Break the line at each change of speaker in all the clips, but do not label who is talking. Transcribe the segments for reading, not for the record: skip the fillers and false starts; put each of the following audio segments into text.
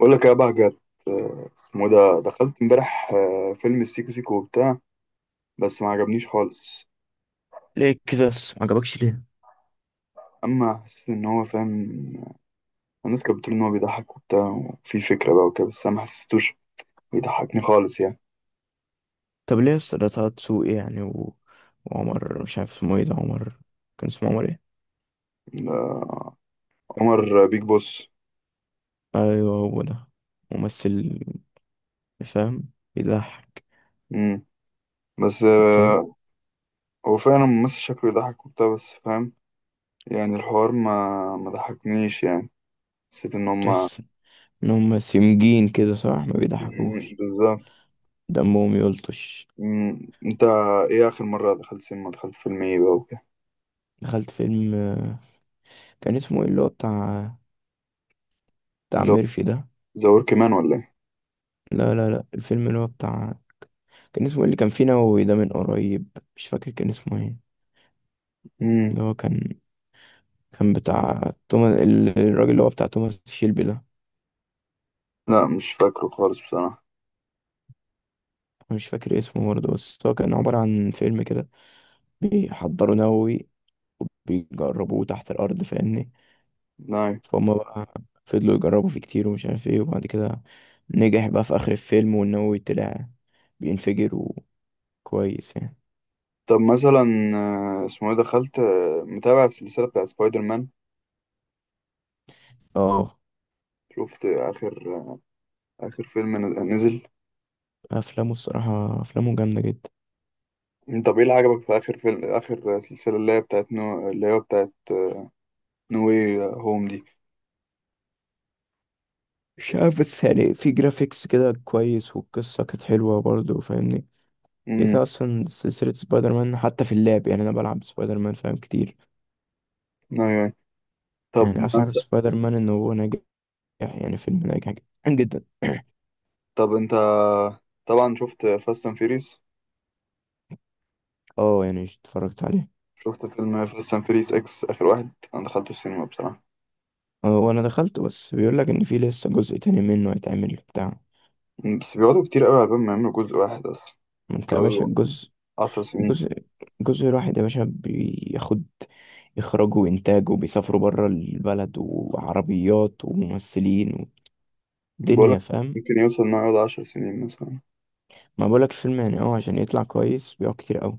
بقول لك يا بهجت، اسمه إيه ده؟ دخلت امبارح فيلم السيكو سيكو وبتاع، بس ما عجبنيش خالص.
ليه كده بس ما عجبكش ليه؟
اما حسيت ان هو فاهم. الناس كانت بتقول ان هو بيضحك وبتاع وفي فكره بقى وكده، بس انا ما حسيتوش، بيضحكني خالص يعني.
طب ليه بس ده طه دسوقي يعني وعمر مش عارف اسمه ايه ده، عمر كان اسمه عمر ايه؟
آه، عمر بيج بوس.
ايوه، هو ده. ممثل، فاهم، بيضحك.
مم. بس
انت
هو فعلا ممثل شكله يضحك وبتاع، بس فاهم يعني الحوار ما ضحكنيش يعني. حسيت ان هما.
تحس ان هم سمجين كده، صح؟ ما
مم،
بيضحكوش،
بالظبط.
دمهم يلطش.
مم. انت ايه اخر مره دخلت سينما؟ دخلت فيلم ايه بقى وكده؟
دخلت فيلم، كان اسمه ايه اللي هو بتاع ميرفي ده.
ذا ورك مان ولا إيه؟
لا لا لا، الفيلم اللي هو بتاع، كان اسمه ايه اللي كان فيه نووي ده من قريب؟ مش فاكر كان اسمه ايه.
مم.
اللي هو كان بتاع توماس، الراجل اللي هو بتاع توماس شيلبي ده.
لا مش فاكره خالص بصراحة.
أنا مش فاكر اسمه برضه، بس هو كان عبارة عن فيلم كده بيحضروا نووي وبيجربوه تحت الأرض، فاهمني؟
نعم.
فهم بقى، فضلوا يجربوا فيه كتير ومش عارف ايه، وبعد كده نجح بقى في آخر الفيلم، والنووي طلع بينفجر، وكويس يعني.
طب مثلا اسمه ايه؟ دخلت متابع السلسلة بتاعت سبايدر مان.
اه،
شفت آخر فيلم نزل؟
أفلامه الصراحة أفلامه جامدة جدا.
طب ايه اللي عجبك في آخر فيلم؟ آخر سلسلة اللي هي بتاعت نو واي هوم دي.
مش عارف، بس يعني في جرافيكس كده كويس، والقصة كانت حلوة برضه، فاهمني؟ كده
امم،
كده اصلا سلسله سبايدر مان، حتى في اللعب يعني انا بلعب سبايدر مان فاهم كتير.
ايوه. طب
يعني اسعد في
مثلا
سبايدر مان ان هو ناجح، يعني فيلم ناجح جدا.
طب انت طبعا شفت فاست اند فيريس.
اه، يعني اتفرجت عليه.
شفت فيلم فاست اند فيريس اكس؟ آخر واحد انا دخلته السينما بصراحة.
اه، وانا دخلت، بس بيقول لك ان في لسه جزء تاني منه هيتعمل بتاع.
بس بيقعدوا كتير قوي على بال ما يعملوا جزء واحد اصلا،
ما انت يا باشا
بيقعدوا
الجزء،
10 سنين.
جزء جزء واحد يا باشا بياخد اخراجه وانتاجه، وبيسافروا بره البلد، وعربيات وممثلين
بقولك،
ودنيا، فاهم؟
ممكن يوصل إنه يقعد 10 سنين مثلا.
ما بقولك فيلم يعني عشان يطلع كويس بيقعد كتير قوي.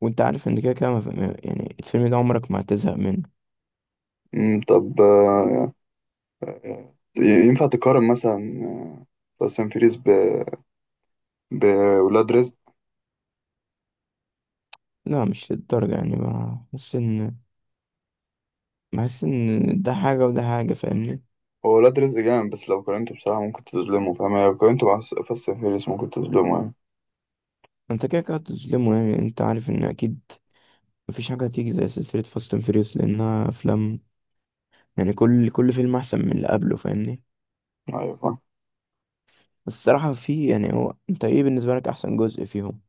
وانت عارف ان كده كده ما ف- ما- يعني الفيلم ده عمرك ما هتزهق منه.
أمم، طب ينفع تقارن مثلا فاست أند فيريس بولاد رزق؟
لا، مش للدرجة يعني. بحس ان ده حاجة وده حاجة، فاهمني؟
هو ولاد رزق جامد، بس لو قارنته بصراحة ممكن تظلمه، فاهم يعني لو قارنته مع فاست أند فيريس ممكن تظلمه يعني.
انت كده كده هتظلمه يعني، انت عارف ان اكيد مفيش حاجة هتيجي زي سلسلة فاست اند فيريوس، لانها افلام يعني كل فيلم احسن من اللي قبله، فاهمني؟
أيوة فاهم.
بس الصراحة في يعني، هو انت ايه بالنسبة لك احسن جزء فيهم؟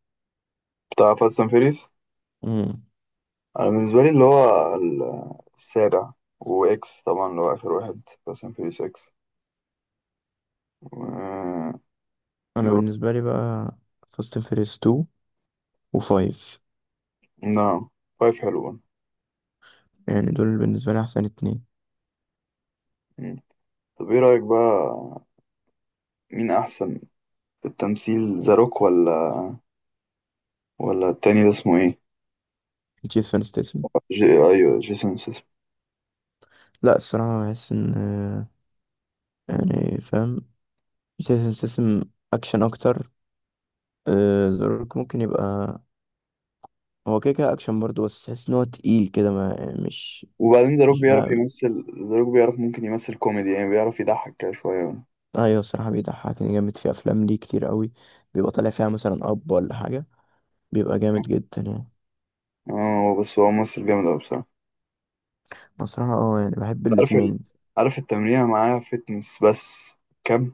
بتاع فاست أند فيريس.
مم.
أنا بالنسبة لي اللي هو السابع، وإكس طبعا اللي هو آخر واحد، فاست أند فيريس إكس، و-
انا
دول.
بالنسبة لي بقى فاست اند فيريوس 2 و5،
نعم. 5 حلو برضه.
يعني دول بالنسبة لي احسن اتنين.
مم. طب إيه رأيك بقى؟ مين أحسن في التمثيل؟ ذا روك ولا التاني ده اسمه ايه؟
تشيس فان ستيسن.
ايوه، جيسون سيسم.
لا، الصراحة بحس ان، يعني فاهم، سيستم اكشن اكتر. ذا روك ممكن يبقى، هو كده كده اكشن برضه، بس تحس ان هو تقيل كده، ما مش
وبعدين ذا روك
مش
بيعرف
بقى.
يمثل. ذا روك بيعرف ممكن يمثل كوميدي يعني، بيعرف يضحك كده شوية.
ايوه، الصراحه بيضحكني جامد في افلام ليه كتير قوي، بيبقى طالع فيها مثلا اب ولا حاجه، بيبقى جامد جدا يعني.
اه، بس هو ممثل جامد أوي بصراحة.
أنا الصراحه يعني بحب
عارف
الاتنين.
عارف التمرين معاه فتنس بس كام؟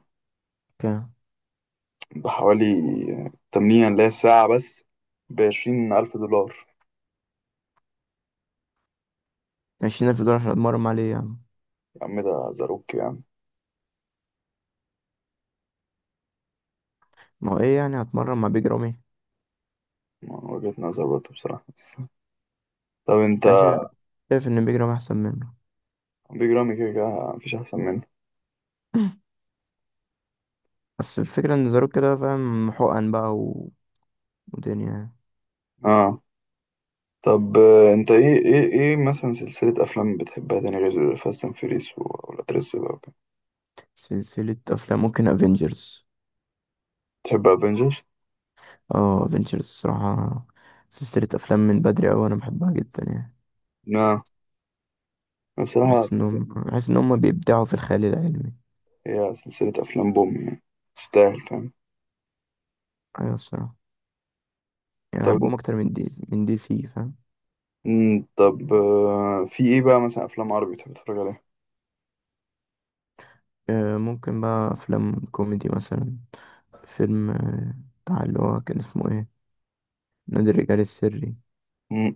ك-
بحوالي التمرين اللي هي ساعة بس بـ20 ألف دولار.
20,000 دولار عشان اتمرن مع ليه يعني؟
يا عم ده ذا روك يعني.
ما هو ايه يعني، هتمرن مع بيج رامي؟
من وجهة نظر برضه بصراحة بس. طب انت،
يعني شايف ان بيج رامي احسن منه.
بيج رامي كده كده مفيش أحسن منه.
بس الفكره ان ذا روك كده فاهم، حقن بقى ودنيا يعني.
اه. طب انت ايه مثلا سلسلة افلام بتحبها تاني غير فاست اند فيريس والاترس بقى وكده؟
سلسلة أفلام ممكن افنجرز.
تحب افنجرز؟
اه، افنجرز الصراحة سلسلة أفلام من بدري أوي، أنا بحبها جدا يعني.
نعم، بصراحة
بحس إن هم بيبدعوا في الخيال العلمي.
هي سلسلة افلام بوم يعني، تستاهل فاهم.
أيوة، الصراحة يعني
طب
بحبهم أكتر من دي سي، فاهم؟
طب في ايه بقى مثلا افلام عربي بتحب تتفرج عليها؟
ممكن بقى أفلام كوميدي مثلا، فيلم، بتاع اللي هو كان اسمه إيه، نادي الرجال السري.
مم.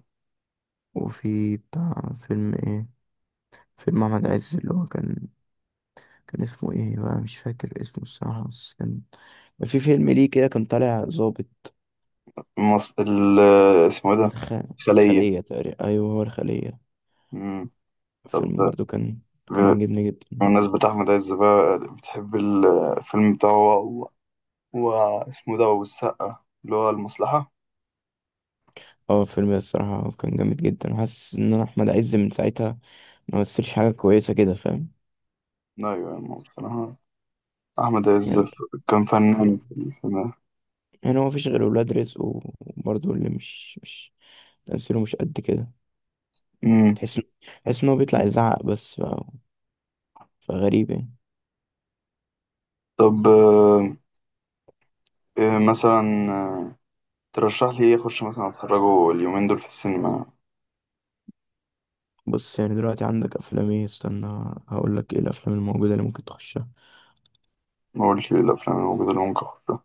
وفي بتاع فيلم إيه، فيلم أحمد عز اللي هو كان اسمه إيه بقى، مش فاكر اسمه الصراحة، بس كان في فيلم ليه كده كان طالع ظابط.
اسمه ايه ده؟
الخ...
خلية.
الخلية تقريبا، أيوه هو الخلية.
مم. طب
الفيلم برضو كان
ب-
عاجبني جدا.
بمناسبة أحمد عز بقى، بتحب الفيلم بتاعه و... اسمه ده والسقا اللي هو المصلحة؟
اه، الفيلم ده الصراحة كان جامد جدا، حاسس إن أنا أحمد عز من ساعتها ما مثلش حاجة كويسة كده، فاهم؟
أيوة يعني، بصراحة أحمد عز
يعني
كان فنان في الفيلم.
يعني هو مفيش غير ولاد رزق وبرضو اللي مش تمثيله مش قد كده.
أمم.
تحس تحس إن هو بيطلع يزعق بس فغريب يعني.
طب إيه مثلا ترشح لي إيه أخش مثلا أتفرجه اليومين دول في السينما؟
بص، يعني دلوقتي عندك أفلام إيه، استنى هقولك إيه الأفلام الموجودة اللي ممكن تخشها.
ما قلت لي الأفلام الموجودة اللي ممكن أخشها.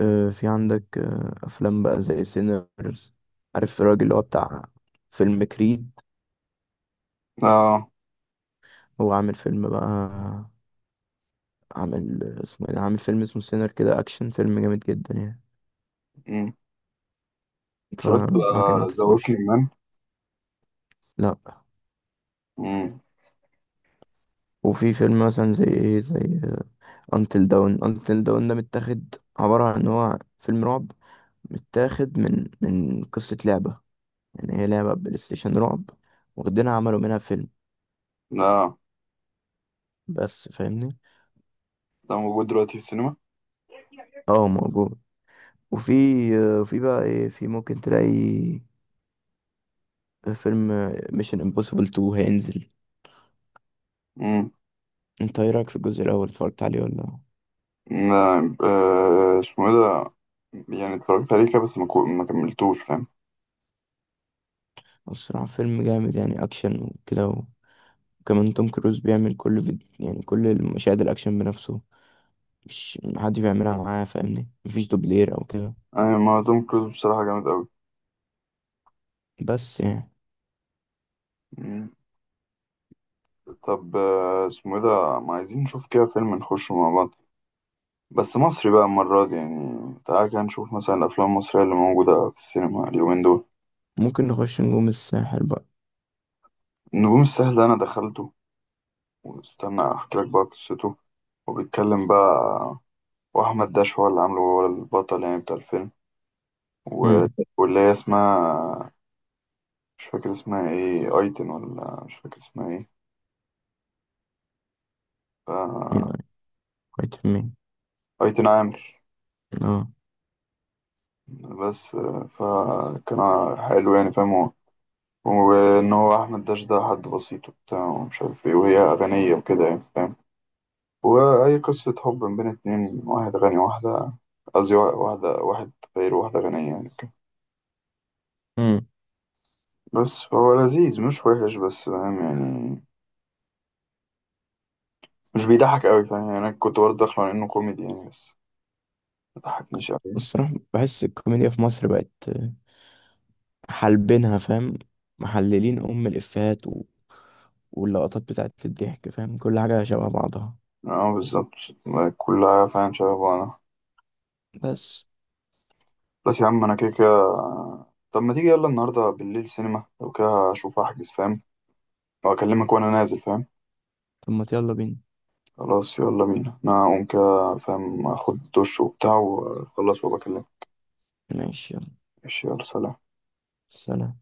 في عندك افلام بقى زي سينرز. عارف الراجل اللي هو بتاع فيلم كريد؟
آه.
هو عامل فيلم بقى، عامل اسمه إيه ده؟ عامل فيلم اسمه سينر كده، اكشن فيلم جامد جدا يعني،
أمم. اتفرجت
فانصحك ان
على
انت
ذا
تخش.
ووكينج
لا،
مان.
وفي فيلم مثلا زي ايه، زي انتل داون. انتل داون ده متاخد عبارة عن ان هو فيلم رعب، متاخد من قصة لعبة، يعني هي لعبة بلاي ستيشن رعب، واخدينها عملوا منها فيلم،
لا.
بس فاهمني؟
ده موجود دلوقتي في السينما؟
اه، موجود. وفي، في بقى ايه، في ممكن تلاقي فيلم ميشن امبوسيبل 2 هينزل.
أمم.
انت ايه رايك في الجزء الاول، اتفرجت عليه ولا؟
لا، اسمه إيه ده؟ يعني اتفرجت عليه كده بس ما كملتوش فاهم.
الصراحه فيلم جامد يعني، اكشن وكده، وكمان توم كروز بيعمل كل فيديو، يعني كل المشاهد الاكشن بنفسه، مش محدش بيعملها معاه، فاهمني؟ مفيش دوبلير او كده،
يعني ما توم كروز بصراحة جامد أوي.
بس يعني.
مم. طب اسمه ايه ده؟ ما عايزين نشوف كده فيلم نخشه مع بعض، بس مصري بقى المرة دي يعني. تعالى كده نشوف مثلا الأفلام المصرية اللي موجودة في السينما اليومين دول.
ممكن نخش نجوم الساحل بقى.
النجوم السهلة أنا دخلته، واستنى أحكي لك بقى قصته. وبيتكلم بقى، وأحمد داش هو اللي عامله، هو البطل يعني بتاع الفيلم. و...
امم،
واللي هي اسمها، مش فاكر اسمها ايه، أيتن ولا مش فاكر اسمها ايه.
مين؟
ف...
قريت مين؟
أيتن عامر.
اه.
بس فكان حلو يعني فاهم هو، وإن هو أحمد داش ده حد بسيط وبتاع ومش عارف ايه، وهي أغنية وكده يعني فاهم. وأي قصة حب بين اتنين، واحد غني واحدة، قصدي واحدة، واحد فقير وواحدة غنية يعني كده.
امم،
بس هو لذيذ، مش وحش، بس فاهم يعني. مش بيضحك أوي فاهم يعني، أنا كنت برضه داخله على إنه كوميدي يعني، بس ما ضحكنيش أوي.
الصراحه بحس الكوميديا في مصر بقت حالبينها، فاهم؟ محللين ام الافيهات واللقطات بتاعت الضحك، فاهم؟ كل حاجه شبه بعضها،
اه بالظبط. كلها فاهم شبه بعضها.
بس.
بس يا عم أنا كده كده. طب ما تيجي يلا النهاردة بالليل سينما؟ لو كده أشوف أحجز فاهم، وأكلمك وأنا نازل فاهم.
طب ما يلا بينا.
خلاص يلا بينا، أنا هقوم كده فاهم، أخد دش وبتاع وأخلص وبكلمك.
ماشي، يلا،
ماشي يلا سلام.
سلام.